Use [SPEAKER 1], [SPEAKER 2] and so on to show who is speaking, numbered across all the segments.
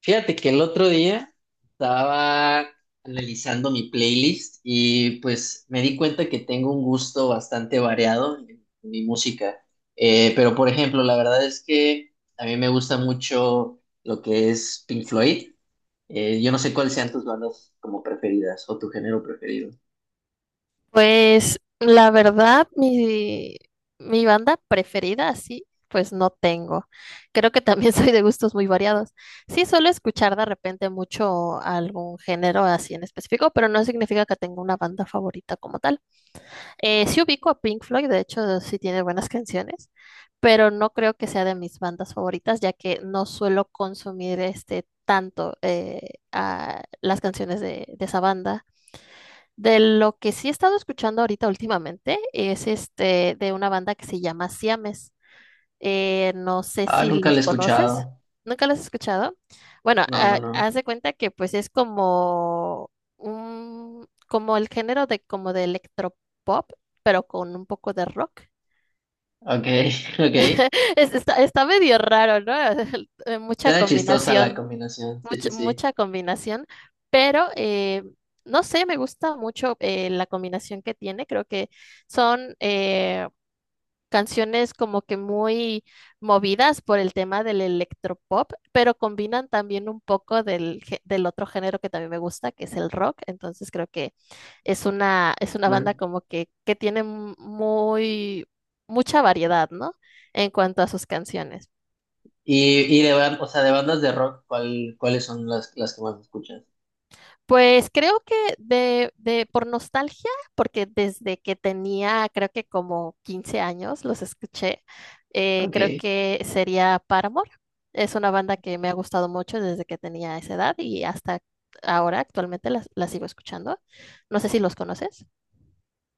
[SPEAKER 1] Fíjate que el otro día estaba analizando mi playlist y pues me di cuenta que tengo un gusto bastante variado en mi música. Pero por ejemplo, la verdad es que a mí me gusta mucho lo que es Pink Floyd. Yo no sé cuáles sean tus bandas como preferidas o tu género preferido.
[SPEAKER 2] Pues la verdad, mi banda preferida, así, pues no tengo. Creo que también soy de gustos muy variados. Sí, suelo escuchar de repente mucho algún género así en específico, pero no significa que tenga una banda favorita como tal. Sí ubico a Pink Floyd, de hecho, sí tiene buenas canciones, pero no creo que sea de mis bandas favoritas, ya que no suelo consumir este tanto a las canciones de esa banda. De lo que sí he estado escuchando ahorita últimamente es este de una banda que se llama Siames. No sé
[SPEAKER 1] Ah,
[SPEAKER 2] si
[SPEAKER 1] nunca la he
[SPEAKER 2] los conoces.
[SPEAKER 1] escuchado.
[SPEAKER 2] ¿Nunca los has escuchado? Bueno,
[SPEAKER 1] No, no,
[SPEAKER 2] ha-
[SPEAKER 1] no.
[SPEAKER 2] haz de cuenta que pues es como como el género de como de electropop, pero con un poco de rock.
[SPEAKER 1] Ok, ok.
[SPEAKER 2] Está medio raro, ¿no? Mucha
[SPEAKER 1] Suena chistosa la
[SPEAKER 2] combinación
[SPEAKER 1] combinación. Sí,
[SPEAKER 2] mucha,
[SPEAKER 1] sí,
[SPEAKER 2] mucha combinación, pero no sé, me gusta mucho la combinación que tiene. Creo que son canciones como que muy movidas por el tema del electropop, pero combinan también un poco del otro género que también me gusta, que es el rock. Entonces creo que es una banda
[SPEAKER 1] sí.
[SPEAKER 2] como que tiene muy, mucha variedad, ¿no? En cuanto a sus canciones.
[SPEAKER 1] O sea, de bandas de rock, ¿cuál, cuáles son las que más escuchas?
[SPEAKER 2] Pues creo que de por nostalgia, porque desde que tenía creo que como 15 años los escuché, creo
[SPEAKER 1] Ok.
[SPEAKER 2] que sería Paramore. Es una banda que me ha gustado mucho desde que tenía esa edad y hasta ahora actualmente la sigo escuchando. No sé si los conoces.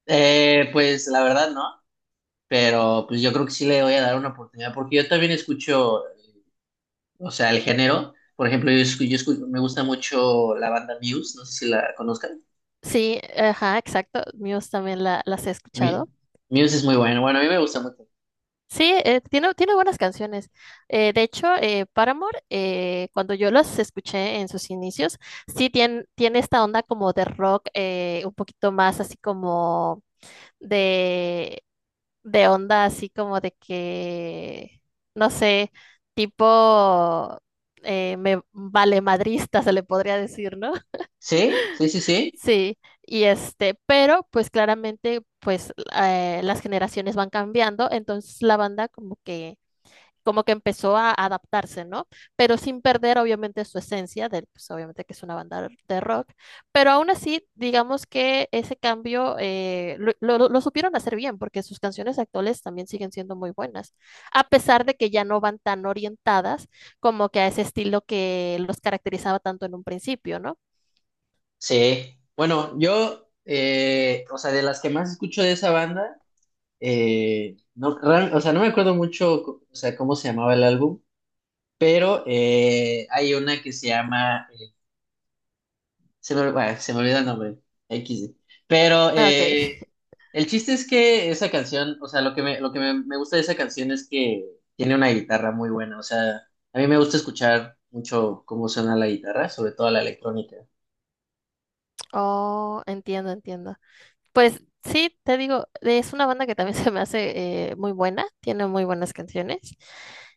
[SPEAKER 1] Pues la verdad no, pero pues yo creo que sí le voy a dar una oportunidad porque yo también escucho, o sea, el género. Por ejemplo, me gusta mucho la banda Muse, no sé si la conozcan.
[SPEAKER 2] Sí, ajá, exacto. Muse también las he escuchado.
[SPEAKER 1] Mi- Muse es muy bueno, bueno, a mí me gusta mucho.
[SPEAKER 2] Sí, tiene buenas canciones. De hecho, Paramore, cuando yo las escuché en sus inicios, sí tiene esta onda como de rock, un poquito más así como de, de onda, así como de que, no sé, tipo me vale madrista, se le podría decir, ¿no?
[SPEAKER 1] Sí, sí, sí, sí.
[SPEAKER 2] Sí, y este, pero pues claramente, pues las generaciones van cambiando, entonces la banda como que empezó a adaptarse, ¿no? Pero sin perder obviamente su esencia, de, pues, obviamente que es una banda de rock, pero aún así, digamos que ese cambio lo supieron hacer bien, porque sus canciones actuales también siguen siendo muy buenas, a pesar de que ya no van tan orientadas como que a ese estilo que los caracterizaba tanto en un principio, ¿no?
[SPEAKER 1] Sí. Bueno, o sea, de las que más escucho de esa banda, o sea, no me acuerdo mucho, o sea, cómo se llamaba el álbum. Pero hay una que se llama, se me, bueno, se me olvida el nombre. X. Sí. Pero
[SPEAKER 2] Ah, ok.
[SPEAKER 1] el chiste es que esa canción, o sea, me gusta de esa canción es que tiene una guitarra muy buena. O sea, a mí me gusta escuchar mucho cómo suena la guitarra, sobre todo la electrónica.
[SPEAKER 2] Oh, entiendo, entiendo. Pues sí, te digo, es una banda que también se me hace muy buena, tiene muy buenas canciones,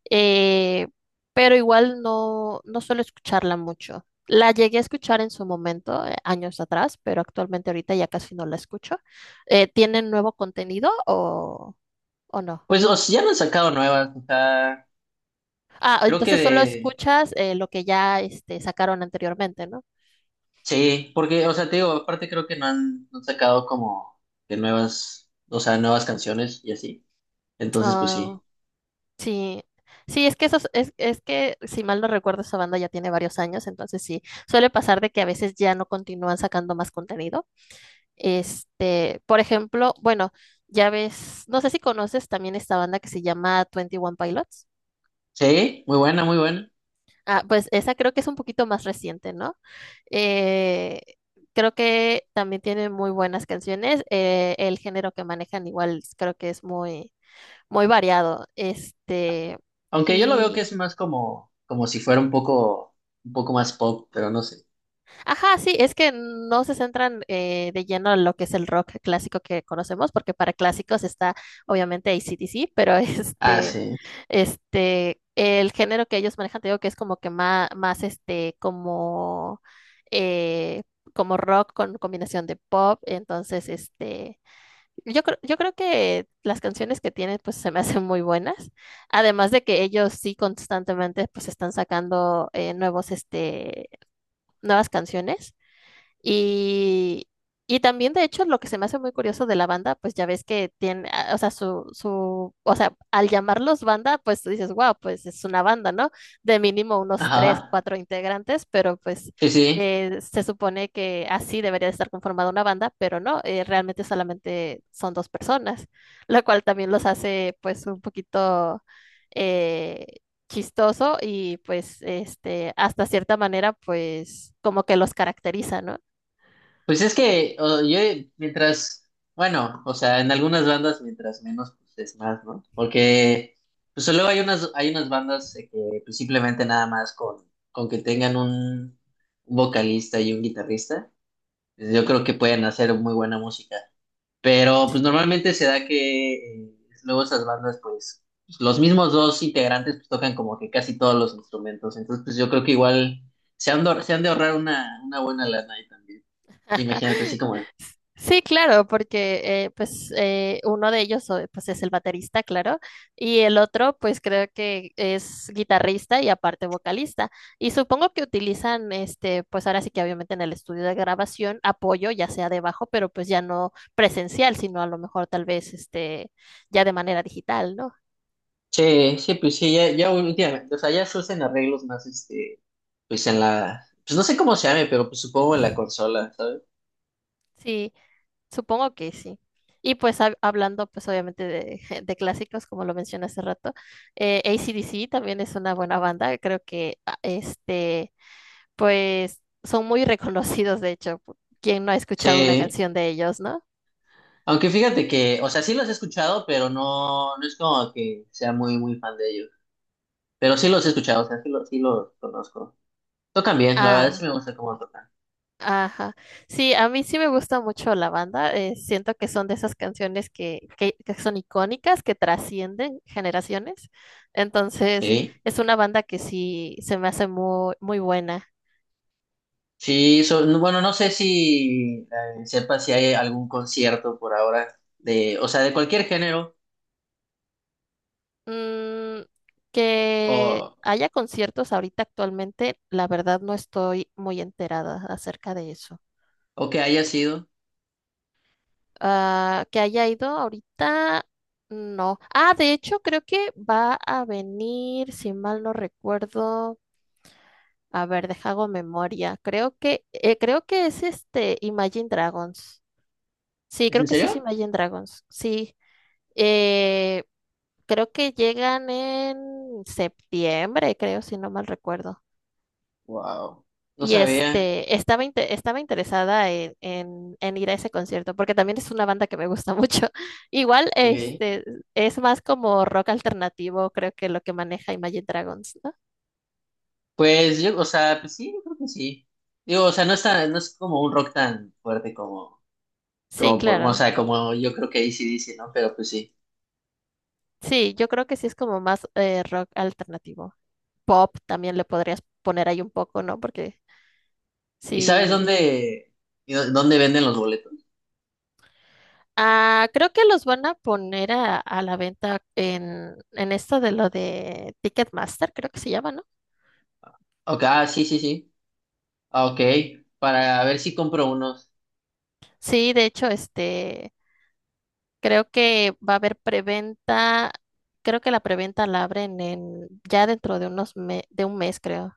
[SPEAKER 2] eh, pero igual no, no suelo escucharla mucho. La llegué a escuchar en su momento, años atrás, pero actualmente ahorita ya casi no la escucho. ¿Tienen nuevo contenido o no?
[SPEAKER 1] Pues o sea, ya no han sacado nuevas, o sea,
[SPEAKER 2] Ah,
[SPEAKER 1] creo que
[SPEAKER 2] entonces solo
[SPEAKER 1] de,
[SPEAKER 2] escuchas lo que ya sacaron anteriormente, ¿no?
[SPEAKER 1] sí, porque, o sea, te digo, aparte creo que no han sacado como de nuevas, o sea, nuevas canciones y así. Entonces, pues
[SPEAKER 2] Ah.
[SPEAKER 1] sí.
[SPEAKER 2] Sí, sí, es que es que si mal no recuerdo, esa banda ya tiene varios años, entonces sí, suele pasar de que a veces ya no continúan sacando más contenido. Por ejemplo, bueno, ya ves, no sé si conoces también esta banda que se llama Twenty One Pilots.
[SPEAKER 1] Sí, muy buena, muy buena.
[SPEAKER 2] Ah, pues esa creo que es un poquito más reciente, ¿no? Eh, Creo que también tiene muy buenas canciones. El género que manejan igual creo que es muy, muy variado.
[SPEAKER 1] Aunque yo lo veo que es más como, como si fuera un poco más pop, pero no sé.
[SPEAKER 2] Ajá, sí, es que no se centran de lleno en lo que es el rock clásico que conocemos, porque para clásicos está obviamente AC/DC, pero
[SPEAKER 1] Ah, sí.
[SPEAKER 2] el género que ellos manejan, te digo que es como que más eh, como rock con combinación de pop, entonces, yo creo que las canciones que tienen, pues, se me hacen muy buenas, además de que ellos sí constantemente, pues, están sacando nuevas canciones. Y, y también, de hecho, lo que se me hace muy curioso de la banda, pues ya ves que tiene, o sea, o sea, al llamarlos banda, pues tú dices, wow, pues es una banda, ¿no? De mínimo unos tres,
[SPEAKER 1] Ajá.
[SPEAKER 2] cuatro integrantes, pero pues
[SPEAKER 1] Sí, sí.
[SPEAKER 2] se supone que así debería de estar conformada una banda, pero no, realmente solamente son dos personas, lo cual también los hace pues un poquito... eh, chistoso y pues hasta cierta manera pues como que los caracteriza, ¿no?
[SPEAKER 1] Pues es que yo mientras, bueno, o sea, en algunas bandas mientras menos, pues es más, ¿no? Porque pues luego hay unas bandas que pues, simplemente nada más con que tengan un vocalista y un guitarrista, pues, yo creo que pueden hacer muy buena música. Pero pues normalmente se da que eh, luego esas bandas, pues los mismos dos integrantes pues, tocan como que casi todos los instrumentos. Entonces, pues yo creo que igual se han de ahorrar una buena lana ahí también. Imagínate así como,
[SPEAKER 2] Sí, claro, porque pues uno de ellos pues es el baterista, claro, y el otro pues creo que es guitarrista y aparte vocalista. Y supongo que utilizan pues ahora sí que obviamente en el estudio de grabación apoyo, ya sea debajo, pero pues ya no presencial, sino a lo mejor tal vez este ya de manera digital, ¿no?
[SPEAKER 1] sí, sí, pues sí, ya, ya últimamente, o sea, ya se usan arreglos más, este, pues en la, pues no sé cómo se llame, pero pues supongo en la consola, ¿sabes?
[SPEAKER 2] Sí. Supongo que sí. Y pues hablando pues obviamente de, de clásicos, como lo mencioné hace rato, AC/DC también es una buena banda. Creo que pues son muy reconocidos, de hecho. ¿Quién no ha escuchado una
[SPEAKER 1] Sí.
[SPEAKER 2] canción de ellos, no?
[SPEAKER 1] Aunque fíjate que, o sea, sí los he escuchado, pero no, no es como que sea muy, muy fan de ellos. Pero sí los he escuchado, o sea, sí los conozco. Tocan bien, la verdad
[SPEAKER 2] Ah,
[SPEAKER 1] sí me gusta cómo tocan.
[SPEAKER 2] ajá. Sí, a mí sí me gusta mucho la banda. Siento que son de esas canciones que son icónicas, que trascienden generaciones. Entonces,
[SPEAKER 1] Sí,
[SPEAKER 2] es una banda que sí se me hace muy, muy buena.
[SPEAKER 1] sí, bueno, no sé si sepa si hay algún concierto por ahora de, o sea, de cualquier género
[SPEAKER 2] Mm, que
[SPEAKER 1] o,
[SPEAKER 2] haya conciertos ahorita actualmente, la verdad no estoy muy enterada acerca de eso.
[SPEAKER 1] o que haya sido.
[SPEAKER 2] Ah, que haya ido ahorita, no. Ah, de hecho, creo que va a venir, si mal no recuerdo. A ver, deja hago memoria. Creo que es Imagine Dragons. Sí,
[SPEAKER 1] ¿Es
[SPEAKER 2] creo
[SPEAKER 1] en
[SPEAKER 2] que sí es
[SPEAKER 1] serio?
[SPEAKER 2] Imagine Dragons. Sí. Eh, Creo que llegan en septiembre, creo, si no mal recuerdo.
[SPEAKER 1] Wow, no
[SPEAKER 2] Y
[SPEAKER 1] sabía.
[SPEAKER 2] estaba interesada en, en ir a ese concierto, porque también es una banda que me gusta mucho. Igual,
[SPEAKER 1] Ok.
[SPEAKER 2] es más como rock alternativo, creo que lo que maneja Imagine Dragons, ¿no?
[SPEAKER 1] Pues yo, o sea, pues sí, yo creo que sí. Digo, o sea, no está, no es como un rock tan fuerte como,
[SPEAKER 2] Sí,
[SPEAKER 1] o
[SPEAKER 2] claro.
[SPEAKER 1] sea, como yo creo que AC/DC, ¿no? Pero pues sí.
[SPEAKER 2] Sí, yo creo que sí es como más rock alternativo. Pop también le podrías poner ahí un poco, ¿no? Porque
[SPEAKER 1] ¿Y sabes
[SPEAKER 2] sí.
[SPEAKER 1] dónde, y dónde venden los boletos?
[SPEAKER 2] Ah, creo que los van a poner a la venta en esto de lo de Ticketmaster, creo que se llama, ¿no?
[SPEAKER 1] Ok, ah, sí, sí, sí. Ah, ok, para ver si compro unos.
[SPEAKER 2] Sí, de hecho, creo que va a haber preventa, creo que la preventa la abren en ya dentro de un mes, creo.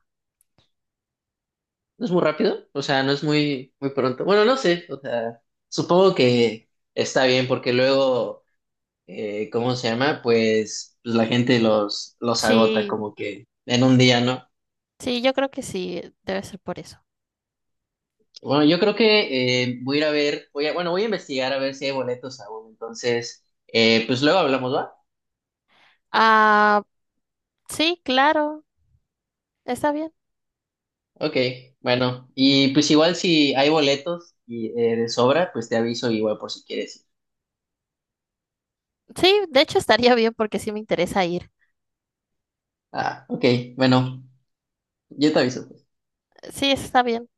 [SPEAKER 1] No es muy rápido, o sea, no es muy, muy pronto. Bueno, no sé, o sea, supongo que está bien porque luego, ¿cómo se llama? Pues, pues la gente los agota
[SPEAKER 2] Sí,
[SPEAKER 1] como que en un día, ¿no?
[SPEAKER 2] sí, yo creo que sí, debe ser por eso.
[SPEAKER 1] Bueno, yo creo que voy a ir a ver, voy a, bueno, voy a investigar a ver si hay boletos aún. Entonces, pues luego hablamos, ¿va?
[SPEAKER 2] Ah, sí, claro, está bien.
[SPEAKER 1] Ok, bueno, y pues igual si hay boletos y, de sobra, pues te aviso igual por si quieres ir.
[SPEAKER 2] Sí, de hecho estaría bien porque sí me interesa ir.
[SPEAKER 1] Ah, ok, bueno. Yo te aviso.
[SPEAKER 2] Sí, está bien.